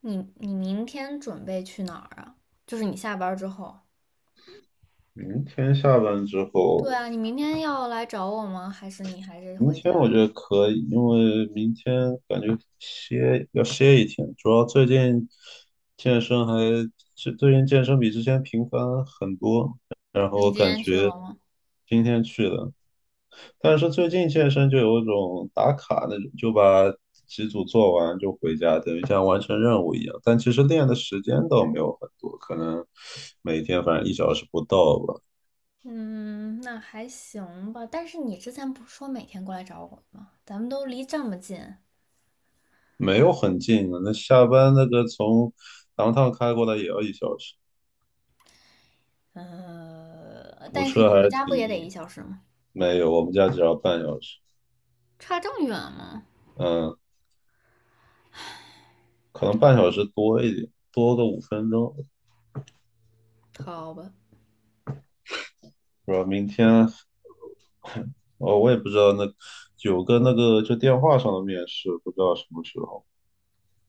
你明天准备去哪儿啊？就是你下班儿之后。明天下班之后，对啊，你明天要来找我吗？还是你还是明回天家我呀？觉得可以，因为明天感觉歇一天。主要最近健身还最最近健身比之前频繁很多，然你后今感天去了觉吗？今天去的。但是最近健身就有一种打卡那种，就把几组做完就回家，等于像完成任务一样，但其实练的时间倒没有很多，可能每天反正一小时不到吧。嗯，那还行吧。但是你之前不是说每天过来找我吗？咱们都离这么近，没有很近啊。那下班那个从 d o 开过来也要1小时。堵但是车你还回是家不挺也得一厉小时吗？没有，我们家只要半小时。差这么远吗？嗯，可能半小时多一点，多个5分钟。好吧。不知道明天。哦，我也不知道。那有个那个就电话上的面试，不知道什么时候。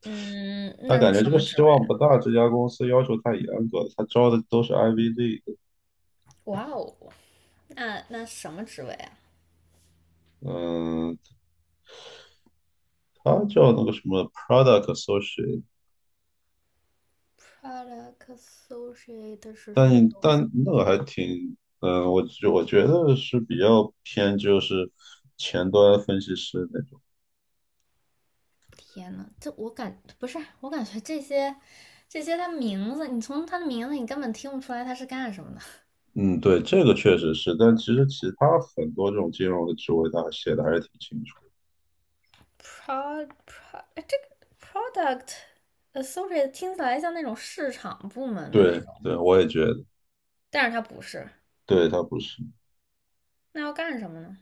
嗯，但那是感觉什这个么职希位啊？望不大，这家公司要求太严格了，他招的都是 IVD。哇哦，那什么职位啊嗯，他叫那个什么 Product Associate。？Product Associate 是什么但东西？但那个还挺，我觉得是比较偏就是前端分析师那种。天呐，这我感不是，我感觉这些他名字，你从他的名字你根本听不出来他是干什么的。嗯，对，这个确实是，但其实其他很多这种金融的职位，他写的还是挺清楚的。 哎这个 product associate 听起来像那种市场部门的那对，种，对，我也觉得。但是他不是，对，他不是。那要干什么呢？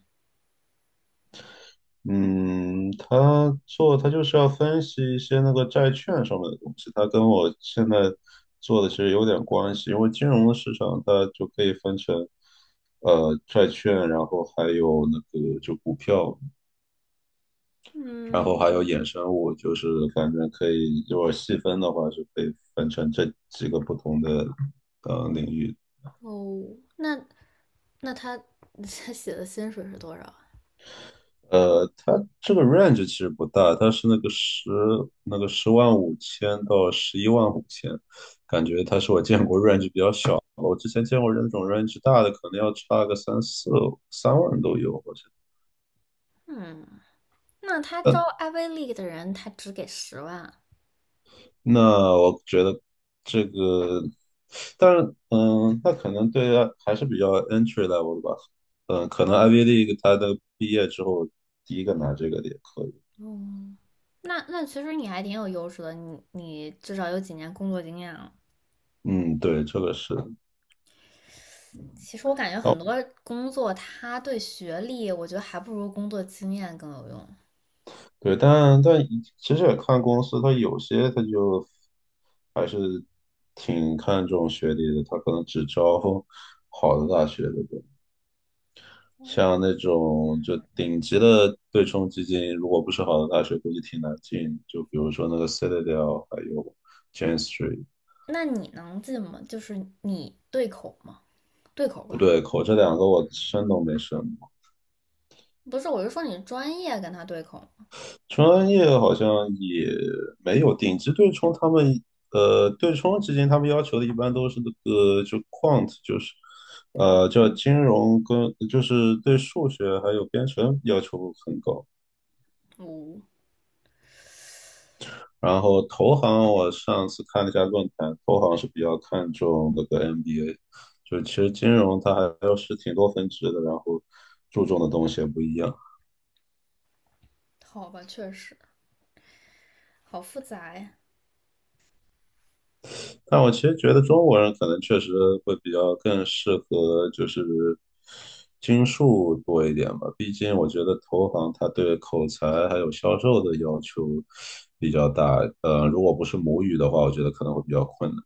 嗯，他就是要分析一些那个债券上面的东西，他跟我现在做的其实有点关系，因为金融的市场它就可以分成。债券，然后还有那个就股票，然后还有嗯，衍生物，就是反正可以，如果细分的话，是可以分成这几个不同的领域。哦，那那他写的薪水是多少啊？它这个 range 其实不大，它是那个10.5万到11.5万。感觉它是我见过 range 比较小的。我之前见过那种 range 大的，可能要差个3万都有。我觉嗯，那他得，招 Ivy League 的人，他只给10万。那我觉得这个，但是嗯，那可能对啊还是比较 entry level 的吧。嗯，可能 Ivy League 它的毕业之后第一个拿这个的也可以。哦，那其实你还挺有优势的，你至少有几年工作经验了。嗯，对，这个是。其实我感觉很哦，多工作，他对学历，我觉得还不如工作经验更有用。对，但其实也看公司，它有些它就还是挺看重学历的，它可能只招 好的大学的。像那种就顶级的对冲基金，如果不是好的大学，估计挺难进。就比如说那个 Citadel，还有 Jane Street。那你能进吗？就是你对口吗？对口不吧？对口，这两个我申都没申过。不是，我是说你专业跟他对口吗？专业好像也没有顶级对冲，他们对冲基金他们要求的一般都是那个就 quant，就是叫金融跟就是对数学还有编程要求很高。哦，然后投行，我上次看了一下论坛，投行是比较看重那个 MBA，就其实金融它还是挺多分支的，然后注重的东西也不一样。好吧，确实好复杂呀。但我其实觉得中国人可能确实会比较更适合就是金数多一点吧，毕竟我觉得投行它对口才还有销售的要求比较大。如果不是母语的话，我觉得可能会比较困难。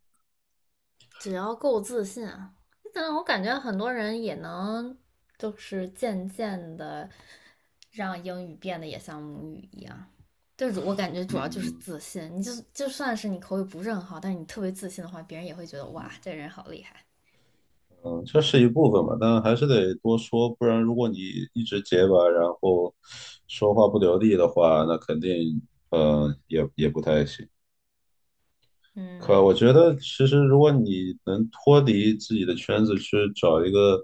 只要够自信啊，但我感觉很多人也能，就是渐渐的。让英语变得也像母语一样。对，我感觉主要就是嗯。自信。你就算是你口语不是很好，但是你特别自信的话，别人也会觉得哇，这人好厉害。嗯，这是一部分吧，但还是得多说，不然如果你一直结巴，然后说话不流利的话，那肯定，也不太行。可嗯，我觉得，其实如果你能脱离自己的圈子去找一个。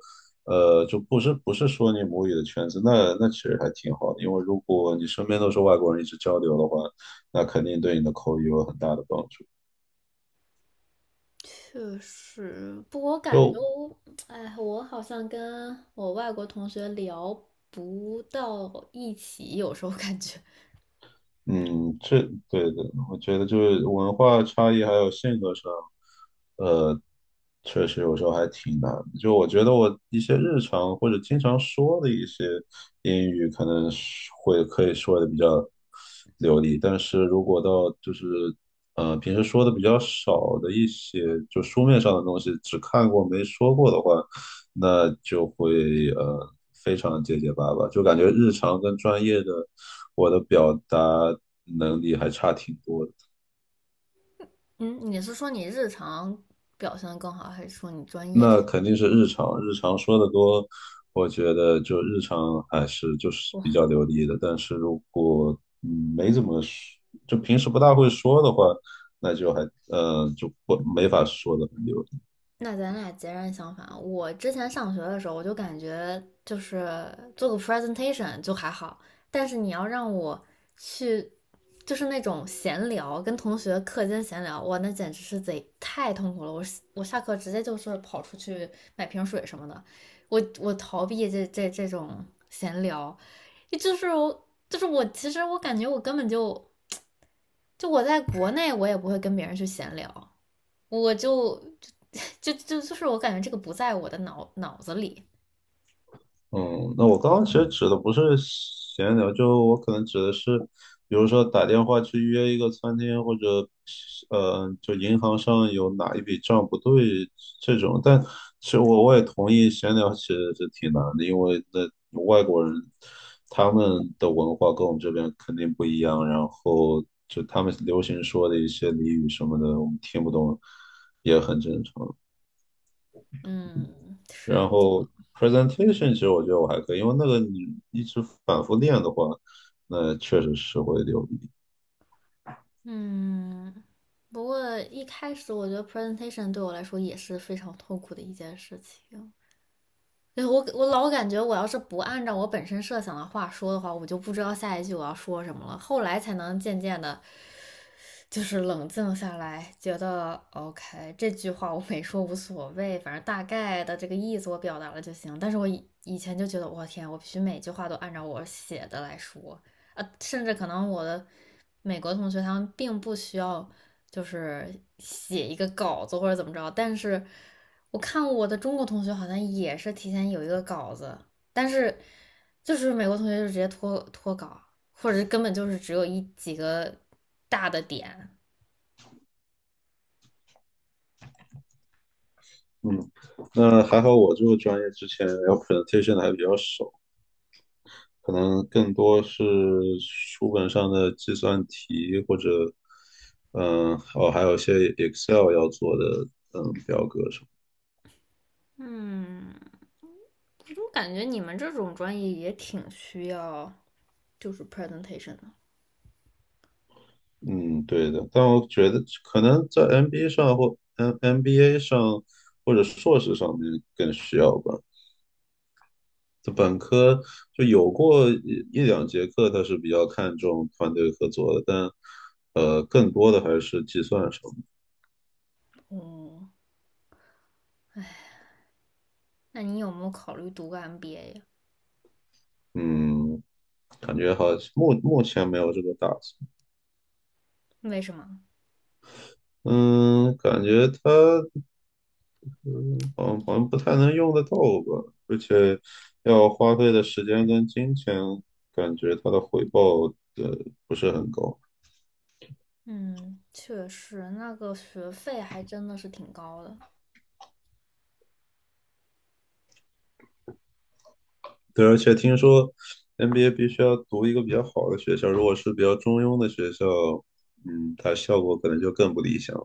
就不是说你母语的圈子，那其实还挺好的，因为如果你身边都是外国人一直交流的话，那肯定对你的口语有很大的帮助。确实，不过我感觉就我，哎，我好像跟我外国同学聊不到一起，有时候感觉嗯，这对的。我觉得就是文化差异还有性格上，呃，确实有时候还挺难的。就我觉得我一些日常或者经常说的一些英语，可能是会可以说的比较流利，但是如果到就是平时说的比较少的一些，就书面上的东西，只看过没说过的话，那就会非常结结巴巴，就感觉日常跟专业的。我的表达能力还差挺多的。嗯，你是说你日常表现的更好，还是说你专业上？那肯定是日常，日常说的多。我觉得就日常还是就是比较流利的。但是如果没怎么说，就平时不大会说的话，那就还呃就不没法说的很流。那咱俩截然相反。我之前上学的时候，我就感觉就是做个 presentation 就还好，但是你要让我去，就是那种闲聊，跟同学课间闲聊，哇，那简直是贼太痛苦了。我下课直接就是跑出去买瓶水什么的，我逃避这种闲聊，就是我就是我，其实我感觉我根本就我在国内我也不会跟别人去闲聊，我就。就是我感觉这个不在我的脑子里。嗯，那我刚刚其实指的不是闲聊，就我可能指的是，比如说打电话去约一个餐厅，或者就银行上有哪一笔账不对这种。但其实我也同意，闲聊其实是挺难的，因为那外国人他们的文化跟我们这边肯定不一样，然后就他们流行说的一些俚语什么的，我们听不懂也很正常。嗯，然是的，后 presentation 其实我觉得我还可以，因为那个你一直反复练的话，那确实是会流利。嗯。不过一开始我觉得 presentation 对我来说也是非常痛苦的一件事情。对，我老感觉我要是不按照我本身设想的话说的话，我就不知道下一句我要说什么了。后来才能渐渐的就是冷静下来，觉得 OK，这句话我没说无所谓，反正大概的这个意思我表达了就行。但是我以前就觉得，我天，我必须每句话都按照我写的来说，甚至可能我的美国同学他们并不需要就是写一个稿子或者怎么着，但是我看我的中国同学好像也是提前有一个稿子，但是就是美国同学就直接脱稿，或者根本就是只有几个大的点。嗯，那还好我这个专业之前要 presentation 的还比较少，可能更多是书本上的计算题或者。嗯，哦，还有一些 Excel 要做的。表格什么。嗯，我怎么感觉你们这种专业也挺需要就是 presentation 的。嗯，对的，但我觉得可能在 MBA 上或MBA 上或者硕士上面更需要吧。就本科就有过一两节课，他是比较看重团队合作的，但更多的还是计算什么。哦，那你有没有考虑读个 MBA 呀？嗯，感觉好目前没有这个打算。为什么？嗯，感觉它嗯好像不太能用得到吧，而且要花费的时间跟金钱，感觉他的回报呃不是很高。嗯，确实，那个学费还真的是挺高的。对，而且听说 NBA 必须要读一个比较好的学校，如果是比较中庸的学校。它效果可能就更不理想。